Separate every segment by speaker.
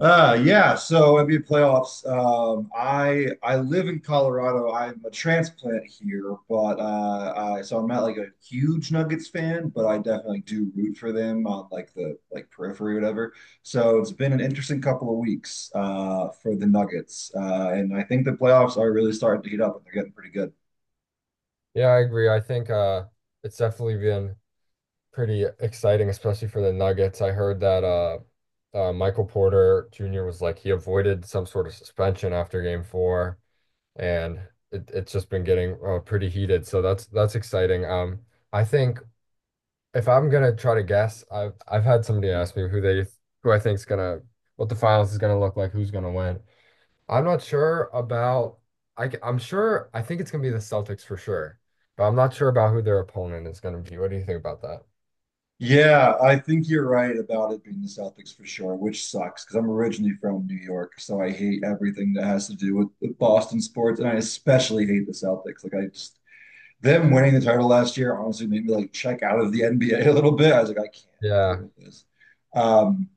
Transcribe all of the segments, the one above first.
Speaker 1: Yeah. So NBA playoffs. I live in Colorado. I'm a transplant here, but I'm not like a huge Nuggets fan, but I definitely do root for them on like the periphery, or whatever. So it's been an interesting couple of weeks for the Nuggets, and I think the playoffs are really starting to heat up, and they're getting pretty good.
Speaker 2: Yeah, I agree. I think it's definitely been pretty exciting, especially for the Nuggets. I heard that Michael Porter Jr. was like he avoided some sort of suspension after game four, and it's just been getting pretty heated. So that's exciting. I think if I'm gonna try to guess, I've had somebody ask me who they who I think's gonna what the finals is gonna look like, who's gonna win. I'm not sure about I am sure I think it's gonna be the Celtics for sure, but I'm not sure about who their opponent is gonna be. What do you think about that?
Speaker 1: Yeah, I think you're right about it being the Celtics for sure, which sucks because I'm originally from New York, so I hate everything that has to do with, Boston sports, and I especially hate the Celtics. Like I just them winning the title last year honestly made me like check out of the NBA a little bit. I was like, I can't deal
Speaker 2: Yeah,
Speaker 1: with this. Um,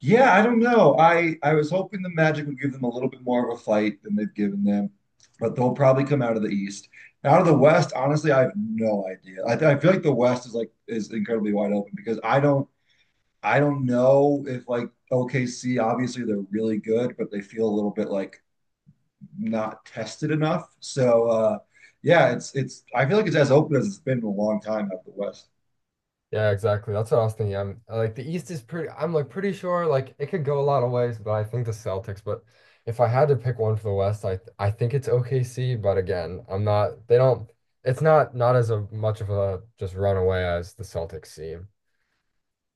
Speaker 1: yeah, I don't know. I was hoping the Magic would give them a little bit more of a fight than they've given them, but they'll probably come out of the East. Out of the West, honestly, I have no idea. I feel like the West is incredibly wide open because I don't know if like OKC, obviously they're really good, but they feel a little bit like not tested enough. So yeah, it's I feel like it's as open as it's been in a long time out of the West.
Speaker 2: yeah, exactly. That's what I was thinking. I'm like the East is pretty. I'm like pretty sure like it could go a lot of ways, but I think the Celtics. But if I had to pick one for the West, I think it's OKC. But again, I'm not. They don't. It's not as a, much of a just runaway as the Celtics seem.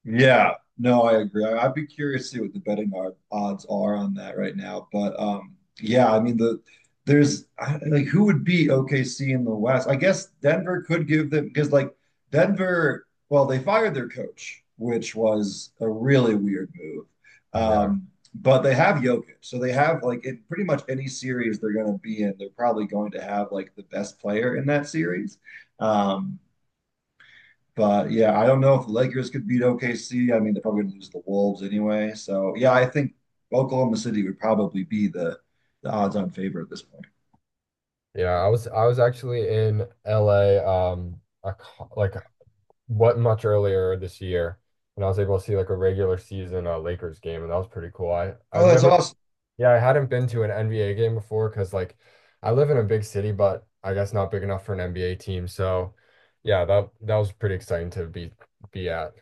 Speaker 1: Yeah, no, I agree. I'd be curious to see what the betting odds are on that right now. But yeah, I mean like who would beat OKC in the West? I guess Denver could give them because like Denver, well, they fired their coach, which was a really weird move.
Speaker 2: Yeah.
Speaker 1: Um, but they have Jokic, so they have like in pretty much any series they're going to be in, they're probably going to have like the best player in that series. Um, but yeah, I don't know if the Lakers could beat OKC. I mean, they're probably going to lose the Wolves anyway. So yeah, I think Oklahoma City would probably be the odds-on favorite at this point.
Speaker 2: Yeah, I was actually in LA like what much earlier this year, and I was able to see like a regular season Lakers game, and that was pretty cool. I
Speaker 1: Oh,
Speaker 2: I've
Speaker 1: that's
Speaker 2: never,
Speaker 1: awesome.
Speaker 2: yeah, I hadn't been to an NBA game before because like I live in a big city, but I guess not big enough for an NBA team. So yeah, that was pretty exciting to be at.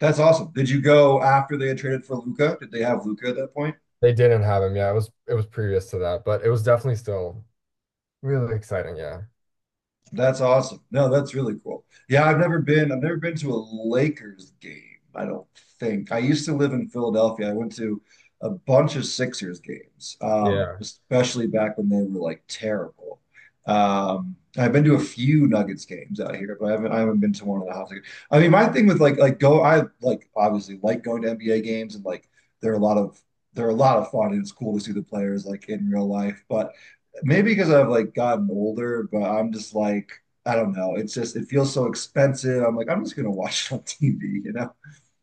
Speaker 1: That's awesome. Did you go after they had traded for Luca? Did they have Luca at that point?
Speaker 2: They didn't have him. Yeah, it was previous to that, but it was definitely still really exciting. Yeah.
Speaker 1: That's awesome. No, that's really cool. Yeah, I've never been to a Lakers game, I don't think. I used to live in Philadelphia. I went to a bunch of Sixers games,
Speaker 2: Yeah.
Speaker 1: especially back when they were like terrible. I've been to a few Nuggets games out here, but I haven't been to one of the house. I mean, my thing with like go I like obviously like going to NBA games and like there are a lot of there are a lot of fun and it's cool to see the players like in real life. But maybe because I've like gotten older, but I'm just like, I don't know. It's just it feels so expensive. I'm like, I'm just gonna watch it on TV, you know?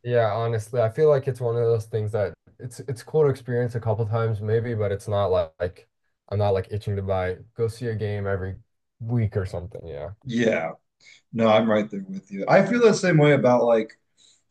Speaker 2: Yeah, honestly, I feel like it's one of those things that it's cool to experience a couple times maybe, but it's not like, I'm not like itching to buy go see a game every week or something. Yeah.
Speaker 1: Yeah. No, I'm right there with you. I feel the same way about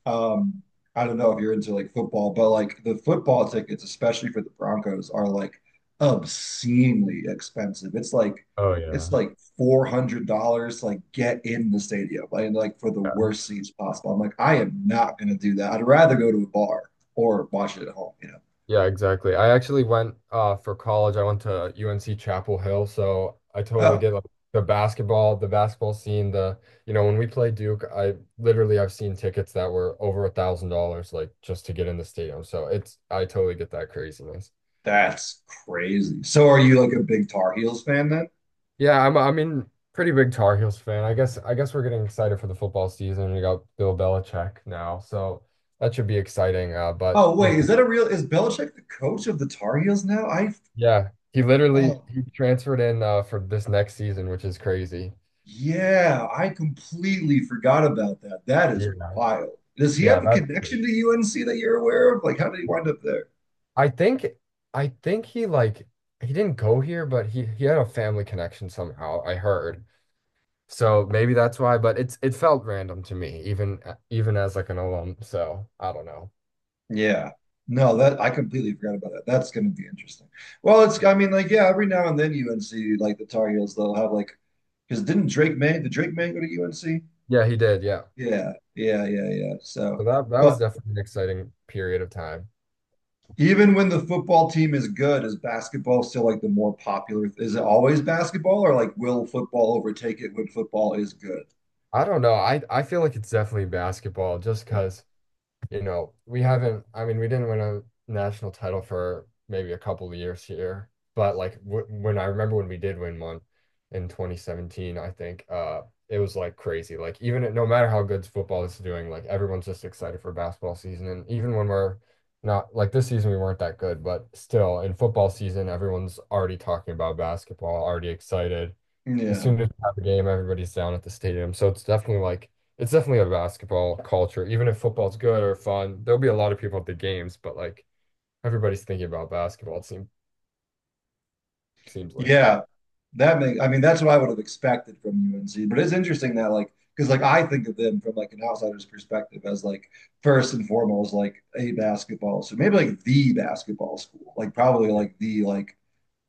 Speaker 1: um I don't know if you're into like football, but like the football tickets, especially for the Broncos, are like obscenely expensive.
Speaker 2: Oh
Speaker 1: It's
Speaker 2: yeah.
Speaker 1: like $400 to like get in the stadium like, and like for the
Speaker 2: Yeah,
Speaker 1: worst seats possible. I'm like, I am not gonna do that. I'd rather go to a bar or watch it at home, you know.
Speaker 2: yeah, exactly. I actually went for college. I went to UNC Chapel Hill, so I totally
Speaker 1: Oh,
Speaker 2: get like the basketball scene, the you know, when we play Duke, I literally I've seen tickets that were over $1,000 like just to get in the stadium. So it's I totally get that craziness.
Speaker 1: that's crazy. So are you like a big Tar Heels fan then?
Speaker 2: Yeah, I mean pretty big Tar Heels fan. I guess we're getting excited for the football season. We got Bill Belichick now, so that should be exciting. But
Speaker 1: Oh,
Speaker 2: you
Speaker 1: wait, is
Speaker 2: know,
Speaker 1: that a real is Belichick the coach of the Tar Heels now? I
Speaker 2: yeah,
Speaker 1: oh
Speaker 2: he transferred in for this next season, which is crazy.
Speaker 1: Yeah, I completely forgot about that. That is
Speaker 2: Yeah,
Speaker 1: wild. Does he
Speaker 2: yeah,
Speaker 1: have a
Speaker 2: that's crazy.
Speaker 1: connection to UNC that you're aware of? Like, how did he wind up there?
Speaker 2: I think I think he like he didn't go here, but he had a family connection somehow, I heard. So maybe that's why, but it's it felt random to me, even as like an alum. So I don't know.
Speaker 1: Yeah. No, that I completely forgot about that. That's going to be interesting. Well, it's I mean, like, yeah, every now and then UNC, like the Tar Heels, they'll have like because didn't Drake May, did Drake May go to UNC?
Speaker 2: Yeah, he did. Yeah.
Speaker 1: Yeah, yeah, yeah, yeah.
Speaker 2: So
Speaker 1: So,
Speaker 2: that was
Speaker 1: but
Speaker 2: definitely an exciting period of time.
Speaker 1: Even when the football team is good, is basketball still like the more popular? Is it always basketball, or like will football overtake it when football is good?
Speaker 2: I don't know. I feel like it's definitely basketball just
Speaker 1: Yeah,
Speaker 2: because, you know, we haven't I mean, we didn't win a national title for maybe a couple of years here, but like w when I remember when we did win one in 2017, I think it was like crazy. Like no matter how good football is doing, like everyone's just excited for basketball season and even when we're not like this season we weren't that good, but still in football season everyone's already talking about basketball, already excited. As
Speaker 1: yeah,
Speaker 2: soon as we have a game, everybody's down at the stadium. So it's definitely like it's definitely a basketball culture. Even if football's good or fun, there'll be a lot of people at the games, but like everybody's thinking about basketball. It seems like that.
Speaker 1: yeah. That makes. I mean, that's what I would have expected from UNC. But it's interesting that like because like I think of them from like an outsider's perspective as like first and foremost like a basketball, so maybe like the basketball school, like probably
Speaker 2: Yeah.
Speaker 1: like the like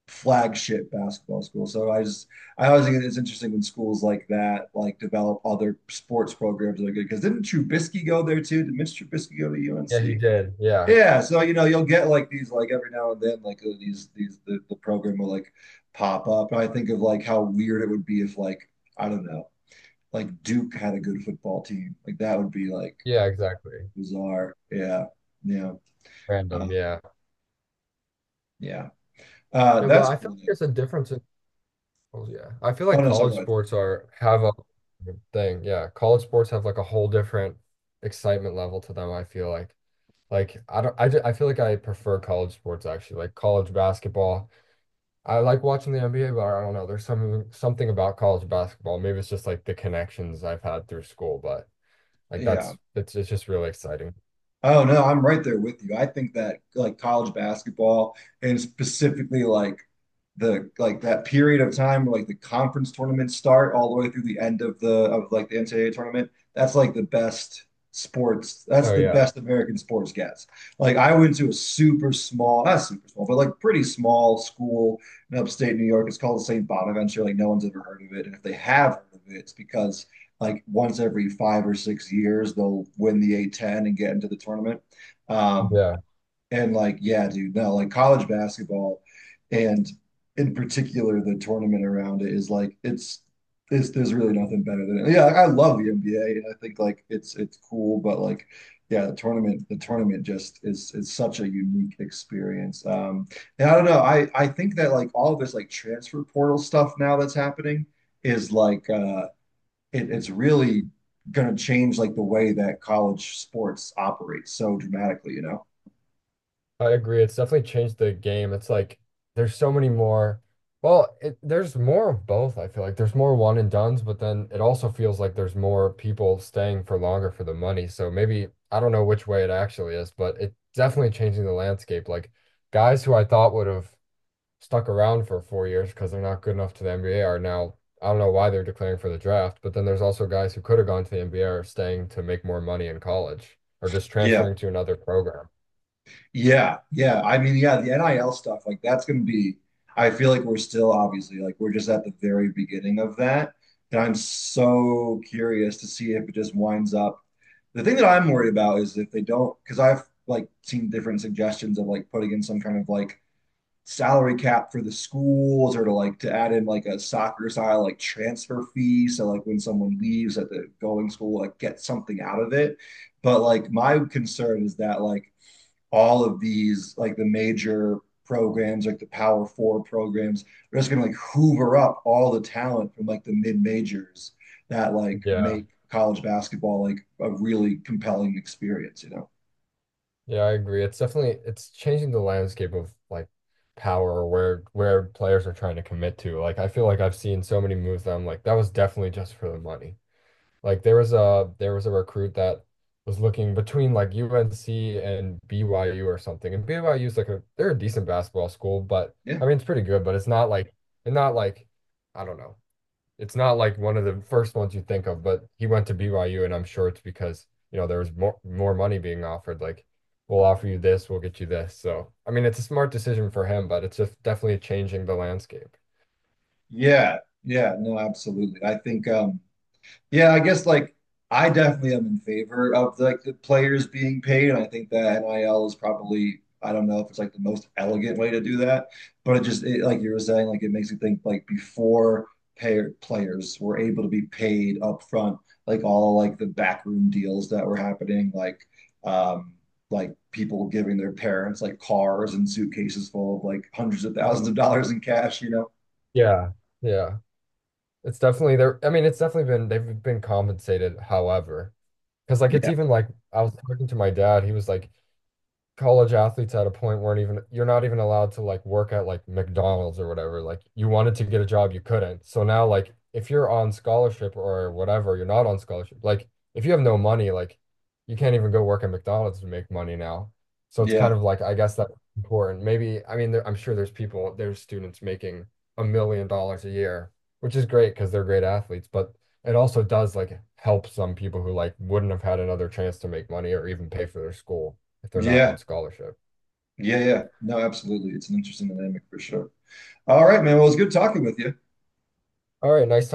Speaker 1: flagship basketball school. So I always think it's interesting when schools like that like develop other sports programs that are good. Because didn't Trubisky go there too? Did Mitch Trubisky go to
Speaker 2: Yeah, he
Speaker 1: UNC?
Speaker 2: did. Yeah.
Speaker 1: Yeah, so you know you'll get like these like every now and then the program will like pop up. And I think of like how weird it would be if like I don't know like Duke had a good football team like that would be like
Speaker 2: Yeah, exactly.
Speaker 1: bizarre. Yeah, yeah, uh,
Speaker 2: Random, yeah.
Speaker 1: yeah.
Speaker 2: Yeah, but
Speaker 1: That's
Speaker 2: I feel
Speaker 1: cool.
Speaker 2: like there's a difference in oh, yeah. I feel
Speaker 1: Oh
Speaker 2: like
Speaker 1: no, sorry,
Speaker 2: college
Speaker 1: go ahead.
Speaker 2: sports are have a thing. Yeah. College sports have like a whole different excitement level to them, I feel like. Like I don't I, ju- I feel like I prefer college sports actually. Like college basketball I like watching the NBA, but I don't know. There's something about college basketball. Maybe it's just like the connections I've had through school, but like
Speaker 1: Yeah.
Speaker 2: that's it's just really exciting.
Speaker 1: Oh no, I'm right there with you. I think that like college basketball and specifically like that period of time where like the conference tournaments start all the way through the end of the of like the NCAA tournament, that's like the best sports. That's
Speaker 2: Oh
Speaker 1: the
Speaker 2: yeah.
Speaker 1: best American sports gets. Like I went to a super small, not super small, but like pretty small school in upstate New York. It's called St. Bonaventure. Like no one's ever heard of it. And if they have heard of it, it's because like once every 5 or 6 years they'll win the A10 and get into the tournament. Um,
Speaker 2: Yeah,
Speaker 1: and like, yeah, dude, no, like college basketball and in particular the tournament around it is like it's there's really nothing better than it. Yeah, like, I love the NBA and I think like it's cool, but like yeah, the tournament just is such a unique experience. And I don't know, I think that like all of this like transfer portal stuff now that's happening is it's really going to change like the way that college sports operates so dramatically, you know?
Speaker 2: I agree. It's definitely changed the game. It's like there's so many more. Well, it, there's more of both, I feel like. There's more one and dones, but then it also feels like there's more people staying for longer for the money. So maybe I don't know which way it actually is, but it's definitely changing the landscape. Like guys who I thought would have stuck around for 4 years because they're not good enough to the NBA are now. I don't know why they're declaring for the draft, but then there's also guys who could have gone to the NBA are staying to make more money in college or just
Speaker 1: Yeah.
Speaker 2: transferring to another program.
Speaker 1: Yeah. Yeah. I mean, yeah, the NIL stuff, like that's going to be, I feel like we're still obviously like we're just at the very beginning of that. And I'm so curious to see if it just winds up. The thing that I'm worried about is if they don't, because I've like seen different suggestions of like putting in some kind of like salary cap for the schools or to add in like a soccer style like transfer fee, so like when someone leaves at the going school like get something out of it, but like my concern is that like all of these like the major programs, like the power four programs, are just gonna like hoover up all the talent from like the mid majors that like
Speaker 2: Yeah,
Speaker 1: make college basketball like a really compelling experience, you know?
Speaker 2: yeah, I agree. It's definitely it's changing the landscape of like power or where players are trying to commit to. Like I feel like I've seen so many moves that I'm like, that was definitely just for the money. Like there was a recruit that was looking between like UNC and BYU or something. And BYU is like a they're a decent basketball school, but
Speaker 1: yeah
Speaker 2: I mean it's pretty good, but it's not like I don't know. It's not like one of the first ones you think of, but he went to BYU and I'm sure it's because, you know, there was more money being offered. Like, we'll offer you this, we'll get you this. So, I mean, it's a smart decision for him, but it's just definitely changing the landscape.
Speaker 1: yeah yeah no, absolutely. I think Yeah, I guess like I definitely am in favor of like the players being paid. And I think that NIL is probably, I don't know if it's like the most elegant way to do that, but it just it, like you were saying, like it makes you think like before payer players were able to be paid up front, like all like the backroom deals that were happening, um like people giving their parents like cars and suitcases full of like hundreds of thousands of dollars in cash, you know?
Speaker 2: Yeah. Yeah. It's definitely there. I mean, it's definitely been they've been compensated, however, because like it's
Speaker 1: Yeah.
Speaker 2: even like I was talking to my dad, he was like, college athletes at a point weren't even you're not even allowed to like work at like McDonald's or whatever. Like you wanted to get a job, you couldn't. So now like if you're on scholarship or whatever, you're not on scholarship. Like if you have no money, like you can't even go work at McDonald's to make money now. So it's kind
Speaker 1: Yeah.
Speaker 2: of like I guess that's important. Maybe I mean I'm sure there's people there's students making $1 million a year, which is great because they're great athletes, but it also does like help some people who like wouldn't have had another chance to make money or even pay for their school if they're not
Speaker 1: Yeah.
Speaker 2: on scholarship.
Speaker 1: Yeah, yeah. No, absolutely. It's an interesting dynamic for sure. All right, man. Well, it's good talking with you.
Speaker 2: All right, nice